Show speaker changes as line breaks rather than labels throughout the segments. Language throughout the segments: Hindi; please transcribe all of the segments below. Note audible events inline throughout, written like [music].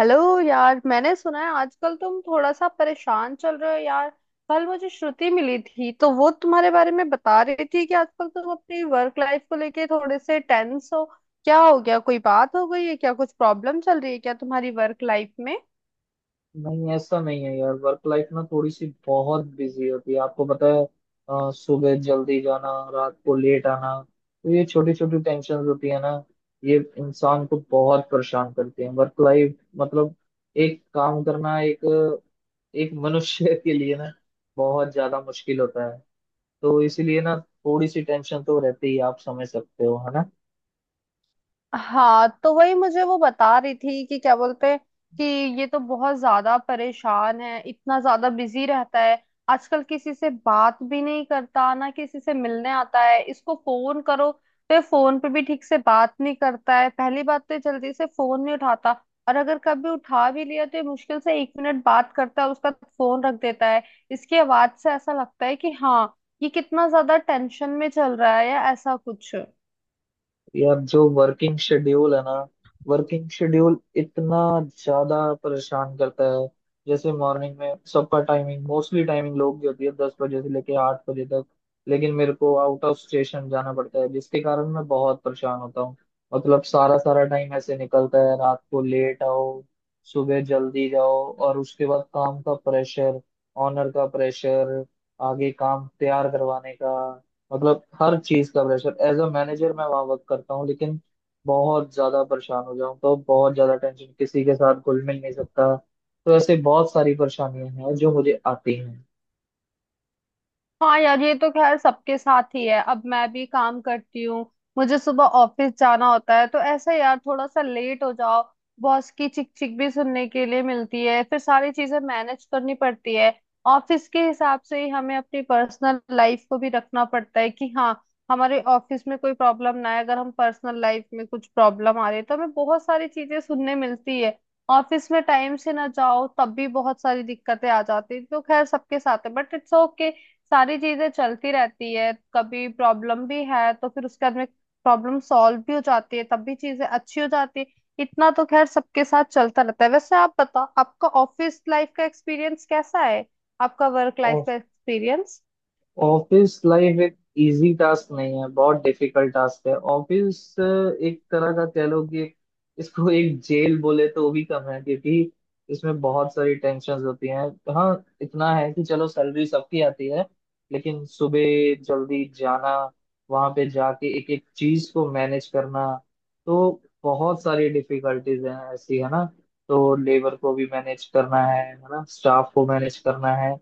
हेलो। यार, मैंने सुना है आजकल तुम थोड़ा सा परेशान चल रहे हो यार। कल मुझे श्रुति मिली थी तो वो तुम्हारे बारे में बता रही थी कि आजकल तुम अपनी वर्क लाइफ को लेके थोड़े से टेंस हो। क्या हो गया, कोई बात हो गई है क्या? कुछ प्रॉब्लम चल रही है क्या तुम्हारी वर्क लाइफ में?
नहीं, ऐसा नहीं है यार। वर्क लाइफ ना थोड़ी सी बहुत बिजी होती है, आपको पता है। सुबह जल्दी जाना, रात को लेट आना, तो ये छोटी छोटी टेंशन होती है ना। ये इंसान को बहुत परेशान करती है। वर्क लाइफ मतलब एक काम करना, एक एक मनुष्य [laughs] के लिए ना बहुत ज्यादा मुश्किल होता है। तो इसीलिए ना थोड़ी सी टेंशन तो रहती ही। आप समझ सकते हो, है ना।
हाँ, तो वही मुझे वो बता रही थी कि क्या बोलते हैं, कि ये तो बहुत ज्यादा परेशान है, इतना ज्यादा बिजी रहता है। आजकल किसी से बात भी नहीं करता, ना किसी से मिलने आता है। इसको फोन करो तो ये फोन पे भी ठीक से बात नहीं करता है। पहली बात तो ये जल्दी से फोन नहीं उठाता, और अगर कभी उठा भी लिया तो ये मुश्किल से एक मिनट बात करता है, उसका फोन रख देता है। इसकी आवाज से ऐसा लगता है कि हाँ, ये कितना ज्यादा टेंशन में चल रहा है या ऐसा कुछ।
यार, जो वर्किंग शेड्यूल है ना, वर्किंग शेड्यूल इतना ज्यादा परेशान करता है। जैसे मॉर्निंग में सबका टाइमिंग, मोस्टली टाइमिंग लोग की होती है 10 बजे से लेके 8 बजे तक। लेकिन मेरे को आउट ऑफ स्टेशन जाना पड़ता है, जिसके कारण मैं बहुत परेशान होता हूँ। मतलब सारा सारा टाइम ऐसे निकलता है, रात को लेट आओ, सुबह जल्दी जाओ, और उसके बाद काम का प्रेशर, ऑनर का प्रेशर, आगे काम तैयार करवाने का, मतलब हर चीज का प्रेशर। एज अ मैनेजर मैं वहां वर्क करता हूँ, लेकिन बहुत ज्यादा परेशान हो जाऊँ तो बहुत ज्यादा टेंशन, किसी के साथ घुल मिल नहीं सकता। तो ऐसे बहुत सारी परेशानियां हैं जो मुझे आती हैं।
हाँ यार, ये तो खैर सबके साथ ही है। अब मैं भी काम करती हूँ, मुझे सुबह ऑफिस जाना होता है, तो ऐसा यार, थोड़ा सा लेट हो जाओ, बॉस की चिक चिक भी सुनने के लिए मिलती है। फिर सारी चीजें मैनेज करनी पड़ती है। ऑफिस के हिसाब से ही हमें अपनी पर्सनल लाइफ को भी रखना पड़ता है कि हाँ, हमारे ऑफिस में कोई प्रॉब्लम ना आए। अगर हम पर्सनल लाइफ में कुछ प्रॉब्लम आ रही है तो हमें बहुत सारी चीजें सुनने मिलती है। ऑफिस में टाइम से ना जाओ तब भी बहुत सारी दिक्कतें आ जाती है, तो खैर सबके साथ है, बट इट्स ओके। सारी चीजें चलती रहती है, कभी प्रॉब्लम भी है तो फिर उसके बाद में प्रॉब्लम सॉल्व भी हो जाती है, तब भी चीजें अच्छी हो जाती है। इतना तो खैर सबके साथ चलता रहता है। वैसे आप बताओ, आपका ऑफिस लाइफ का एक्सपीरियंस कैसा है, आपका वर्क लाइफ का एक्सपीरियंस?
ऑफिस लाइफ एक इजी टास्क नहीं है, बहुत डिफिकल्ट टास्क है। ऑफिस एक तरह का कह लो कि इसको एक जेल बोले तो वो भी कम है, क्योंकि इसमें बहुत सारी टेंशन होती हैं। हाँ, इतना है कि चलो सैलरी सबकी आती है। लेकिन सुबह जल्दी जाना, वहां पे जाके एक एक चीज को मैनेज करना, तो बहुत सारी डिफिकल्टीज हैं ऐसी, है ना। तो लेबर को भी मैनेज करना है ना, स्टाफ को मैनेज करना है,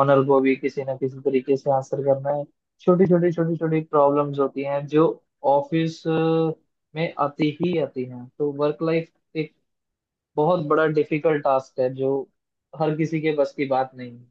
ऑनर को भी किसी ना किसी तरीके से आंसर करना है। छोटी छोटी छोटी छोटी प्रॉब्लम्स होती हैं जो ऑफिस में आती ही आती हैं। तो वर्क लाइफ एक बहुत बड़ा डिफिकल्ट टास्क है, जो हर किसी के बस की बात नहीं है।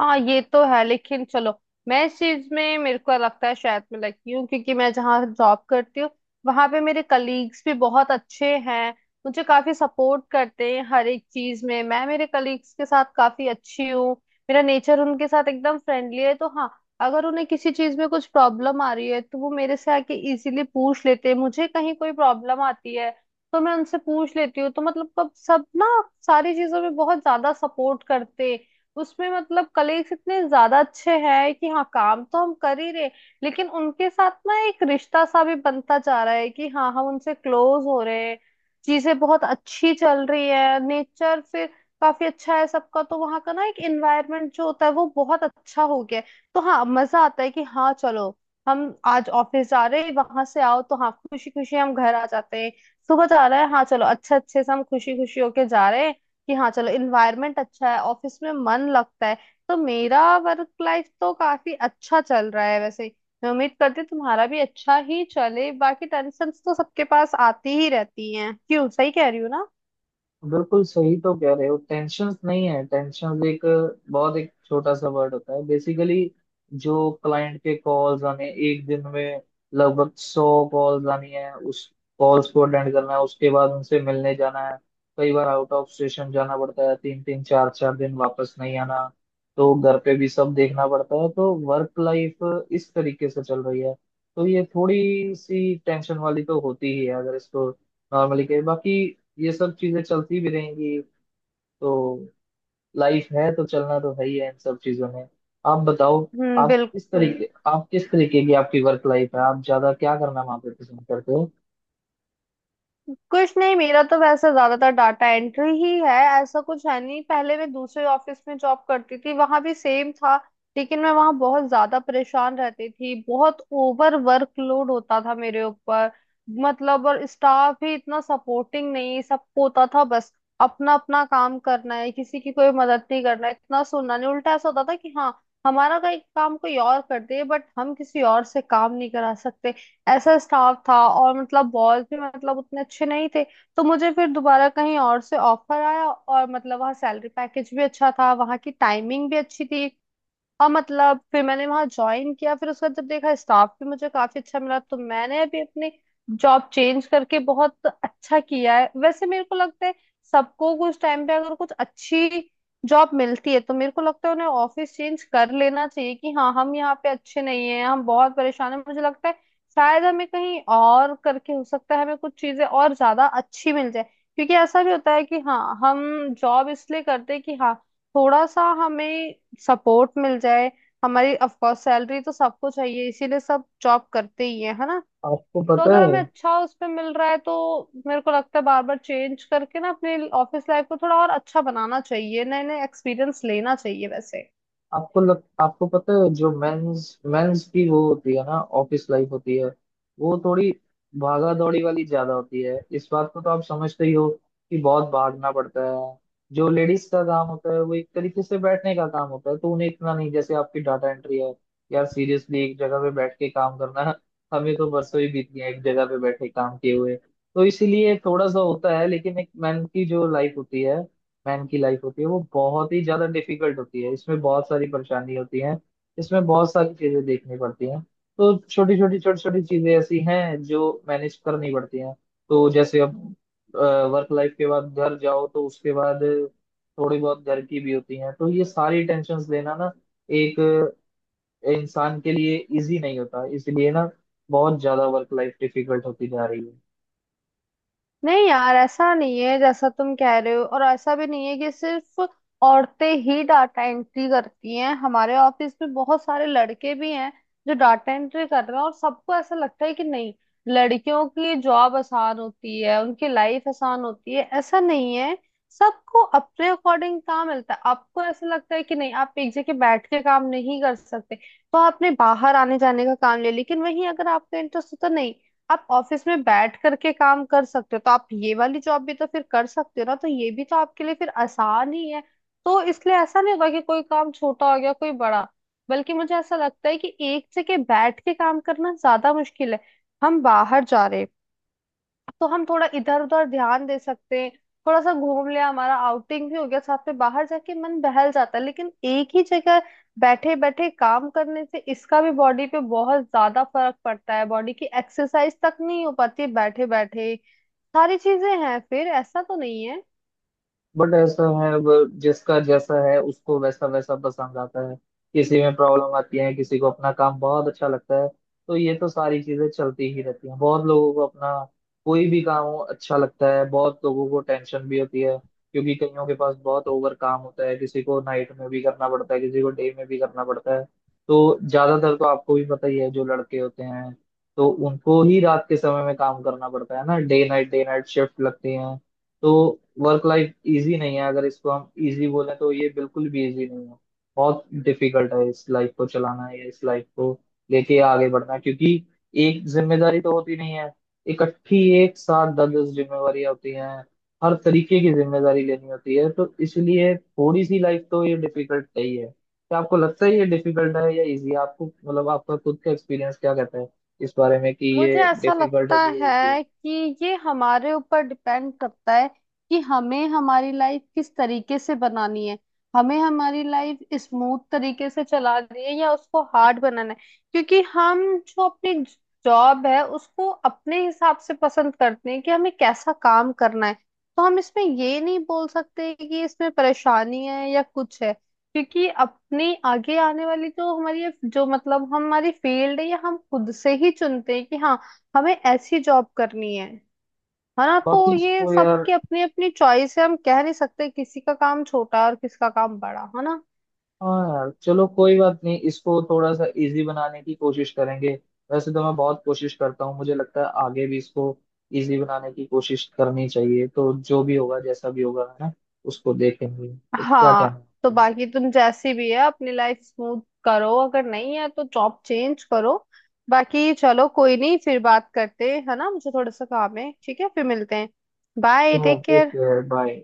हाँ, ये तो है, लेकिन चलो, मैं इस चीज में मेरे को लगता है शायद मैं लकी हूँ, क्योंकि मैं जहाँ जॉब करती हूँ वहां पे मेरे कलीग्स भी बहुत अच्छे हैं, मुझे काफी सपोर्ट करते हैं हर एक चीज में। मैं मेरे कलीग्स के साथ काफी अच्छी हूँ, मेरा नेचर उनके साथ एकदम फ्रेंडली है। तो हाँ, अगर उन्हें किसी चीज में कुछ प्रॉब्लम आ रही है तो वो मेरे से आके इजीली पूछ लेते हैं, मुझे कहीं कोई प्रॉब्लम आती है तो मैं उनसे पूछ लेती हूँ। तो मतलब कब सब ना, सारी चीजों में बहुत ज्यादा सपोर्ट करते हैं। उसमें मतलब कलीग्स इतने ज्यादा अच्छे हैं कि हाँ, काम तो हम कर ही रहे, लेकिन उनके साथ ना एक रिश्ता सा भी बनता जा रहा है कि हाँ, हम उनसे क्लोज हो रहे हैं। चीजें बहुत अच्छी चल रही है, नेचर फिर काफी अच्छा है सबका, तो वहाँ का ना एक एनवायरनमेंट जो होता है वो बहुत अच्छा हो गया है। तो हाँ, मजा आता है कि हाँ चलो, हम आज ऑफिस जा रहे हैं। वहां से आओ तो हाँ, खुशी खुशी हम घर आ जाते हैं। सुबह जा रहा है, हाँ चलो, अच्छे अच्छे से हम खुशी खुशी होके जा रहे हैं कि हाँ चलो, इन्वायरमेंट अच्छा है, ऑफिस में मन लगता है। तो मेरा वर्क लाइफ तो काफी अच्छा चल रहा है वैसे। मैं उम्मीद करती हूँ तुम्हारा भी अच्छा ही चले। बाकी टेंशन तो सबके पास आती ही रहती हैं, क्यों, सही कह रही हूँ ना?
बिल्कुल सही तो कह रहे हो। टेंशन नहीं है, टेंशन एक बहुत, एक छोटा सा वर्ड होता है बेसिकली। जो क्लाइंट के कॉल्स आने, एक दिन में लगभग 100 कॉल्स आनी है, उस कॉल्स को अटेंड करना है, उसके बाद उनसे मिलने जाना है। कई बार आउट ऑफ स्टेशन जाना पड़ता है, तीन तीन चार चार दिन वापस नहीं आना। तो घर पे भी सब देखना पड़ता है। तो वर्क लाइफ इस तरीके से चल रही है। तो ये थोड़ी सी टेंशन वाली तो होती ही है, अगर इसको नॉर्मली कहे। बाकी ये सब चीजें चलती भी रहेंगी। तो लाइफ है तो चलना तो है ही है इन सब चीजों में। आप बताओ।
हम्म, बिल्कुल।
आप किस तरीके की आपकी वर्क लाइफ है, आप ज्यादा क्या करना वहां पे पसंद करते हो?
कुछ नहीं, मेरा तो वैसे ज्यादातर डाटा एंट्री ही है, ऐसा कुछ है नहीं। पहले मैं दूसरे ऑफिस में जॉब करती थी, वहां भी सेम था, लेकिन मैं वहां बहुत ज्यादा परेशान रहती थी। बहुत ओवर वर्कलोड होता था मेरे ऊपर। मतलब और स्टाफ भी इतना सपोर्टिंग नहीं, सबको होता था बस अपना अपना काम करना है, किसी की कोई मदद नहीं करना है, इतना सुनना नहीं। उल्टा ऐसा होता था कि हाँ, हमारा काम कोई और कर दे, बट हम किसी और से काम नहीं करा सकते। ऐसा स्टाफ था और मतलब बॉस भी मतलब उतने अच्छे नहीं थे। तो मुझे फिर दोबारा कहीं और से ऑफर आया, और मतलब वहाँ सैलरी पैकेज भी अच्छा था, वहाँ की टाइमिंग भी अच्छी थी, और मतलब फिर मैंने वहां ज्वाइन किया। फिर उसके बाद जब देखा स्टाफ भी मुझे काफी अच्छा मिला, तो मैंने अभी अपनी जॉब चेंज करके बहुत अच्छा किया है वैसे, मेरे को लगता है। सबको कुछ टाइम पे अगर कुछ अच्छी जॉब मिलती है तो मेरे को लगता है उन्हें ऑफिस चेंज कर लेना चाहिए कि हाँ, हम यहाँ पे अच्छे नहीं हैं, हम बहुत परेशान हैं। मुझे लगता है शायद हमें कहीं और करके हो सकता है हमें कुछ चीजें और ज्यादा अच्छी मिल जाए। क्योंकि ऐसा भी होता है कि हाँ, हम जॉब इसलिए करते हैं कि हाँ, थोड़ा सा हमें सपोर्ट मिल जाए। हमारी ऑफ कोर्स सैलरी तो सबको चाहिए, इसीलिए सब जॉब करते ही है ना?
आपको
तो
पता
अगर
है।
हमें अच्छा उस पे मिल रहा है तो मेरे को लगता है बार बार चेंज करके ना अपने ऑफिस लाइफ को थोड़ा और अच्छा बनाना चाहिए, नए नए एक्सपीरियंस लेना चाहिए वैसे।
आपको पता है जो मेंस मेंस की वो होती है ना, ऑफिस लाइफ होती है, वो थोड़ी भागा दौड़ी वाली ज्यादा होती है। इस बात को तो आप समझते ही हो कि बहुत भागना पड़ता है। जो लेडीज का काम होता है वो एक तरीके से बैठने का काम होता है, तो उन्हें इतना नहीं। जैसे आपकी डाटा एंट्री है, यार सीरियसली एक जगह पे बैठ के काम करना, हमें तो बरसों ही बीत गए एक जगह पे बैठे काम किए हुए। तो इसीलिए थोड़ा सा होता है, लेकिन एक मैन की जो लाइफ होती है, मैन की लाइफ होती है, वो बहुत ही ज्यादा डिफिकल्ट होती है। इसमें बहुत सारी परेशानी होती है, इसमें बहुत सारी चीजें देखनी पड़ती हैं। तो छोटी छोटी छोटी छोटी चीजें ऐसी हैं जो मैनेज करनी पड़ती हैं। तो जैसे अब वर्क लाइफ के बाद घर जाओ, तो उसके बाद थोड़ी बहुत घर की भी होती हैं। तो ये सारी टेंशन्स लेना ना एक इंसान के लिए इजी नहीं होता। इसलिए ना बहुत ज्यादा वर्क लाइफ डिफिकल्ट होती जा रही है।
नहीं यार, ऐसा नहीं है जैसा तुम कह रहे हो। और ऐसा भी नहीं है कि सिर्फ औरतें ही डाटा एंट्री करती हैं, हमारे ऑफिस में बहुत सारे लड़के भी हैं जो डाटा एंट्री कर रहे हैं। और सबको ऐसा लगता है कि नहीं, लड़कियों की जॉब आसान होती है, उनकी लाइफ आसान होती है, ऐसा नहीं है। सबको अपने अकॉर्डिंग काम मिलता है। आपको ऐसा लगता है कि नहीं, आप एक जगह बैठ के काम नहीं कर सकते, तो आपने बाहर आने जाने का काम ले लेकिन वहीं अगर आपका इंटरेस्ट होता नहीं आप ऑफिस में बैठ करके काम कर सकते हो, तो आप ये वाली जॉब भी तो फिर कर सकते हो ना, तो ये भी तो आपके लिए फिर आसान ही है। तो इसलिए ऐसा नहीं होगा कि कोई काम छोटा हो गया कोई बड़ा। बल्कि मुझे ऐसा लगता है कि एक जगह बैठ के काम करना ज्यादा मुश्किल है। हम बाहर जा रहे हैं तो हम थोड़ा इधर उधर ध्यान दे सकते हैं, थोड़ा सा घूम लिया, हमारा आउटिंग भी हो गया साथ में, बाहर जाके मन बहल जाता है। लेकिन एक ही जगह बैठे बैठे काम करने से इसका भी बॉडी पे बहुत ज्यादा फर्क पड़ता है, बॉडी की एक्सरसाइज तक नहीं हो पाती बैठे बैठे। सारी चीजें हैं, फिर ऐसा तो नहीं।
बट ऐसा है, वो जिसका जैसा है उसको वैसा वैसा पसंद आता है। किसी में प्रॉब्लम आती है, किसी को अपना काम बहुत अच्छा लगता है। तो ये तो सारी चीजें चलती ही रहती हैं। बहुत लोगों को अपना कोई भी काम हो अच्छा लगता है, बहुत लोगों को टेंशन भी होती है, क्योंकि कईयों के पास बहुत ओवर काम होता है। किसी को नाइट में भी करना पड़ता है, किसी को डे में भी करना पड़ता है। तो ज्यादातर तो आपको भी पता ही है, जो लड़के होते हैं, तो उनको ही रात के समय में काम करना पड़ता है ना, डे नाइट शिफ्ट लगती है। तो वर्क लाइफ इजी नहीं है। अगर इसको हम इजी बोलें तो ये बिल्कुल भी इजी नहीं है। बहुत डिफिकल्ट है इस लाइफ को चलाना, है या इस लाइफ को लेके आगे बढ़ना। क्योंकि एक जिम्मेदारी तो होती नहीं है, इकट्ठी एक साथ दस दस जिम्मेवारियां होती हैं। हर तरीके की जिम्मेदारी लेनी होती है। तो इसलिए थोड़ी सी लाइफ तो ये डिफिकल्ट है ही है। क्या आपको लगता है ये डिफिकल्ट है या इजी? आपको मतलब आपका खुद का एक्सपीरियंस क्या कहता है इस बारे में, कि
मुझे
ये
ऐसा
डिफिकल्ट
लगता
होगी या इजी
है
होगी?
कि ये हमारे ऊपर डिपेंड करता है कि हमें हमारी लाइफ किस तरीके से बनानी है, हमें हमारी लाइफ स्मूथ तरीके से चलानी है या उसको हार्ड बनाना है। क्योंकि हम जो अपनी जॉब है उसको अपने हिसाब से पसंद करते हैं कि हमें कैसा काम करना है। तो हम इसमें ये नहीं बोल सकते कि इसमें परेशानी है या कुछ है, क्योंकि अपने आगे आने वाली जो हमारी जो मतलब हमारी फील्ड है, ये हम खुद से ही चुनते हैं कि हाँ, हमें ऐसी जॉब करनी है ना? तो
बाकी
ये
इसको यार,
सबकी अपनी अपनी चॉइस है, हम कह नहीं सकते किसी का काम छोटा और किसका काम बड़ा, है ना।
हाँ यार चलो कोई बात नहीं, इसको थोड़ा सा इजी बनाने की कोशिश करेंगे। वैसे तो मैं बहुत कोशिश करता हूँ, मुझे लगता है आगे भी इसको इजी बनाने की कोशिश करनी चाहिए। तो जो भी होगा, जैसा भी होगा, है ना, उसको देखेंगे। तो क्या
हाँ
कहना
तो
है।
बाकी तुम जैसी भी है अपनी लाइफ स्मूथ करो, अगर नहीं है तो जॉब चेंज करो। बाकी चलो कोई नहीं, फिर बात करते हैं, है ना? मुझे थोड़ा सा काम है, ठीक है, फिर मिलते हैं। Bye,
sure,
take care.
Okay bye.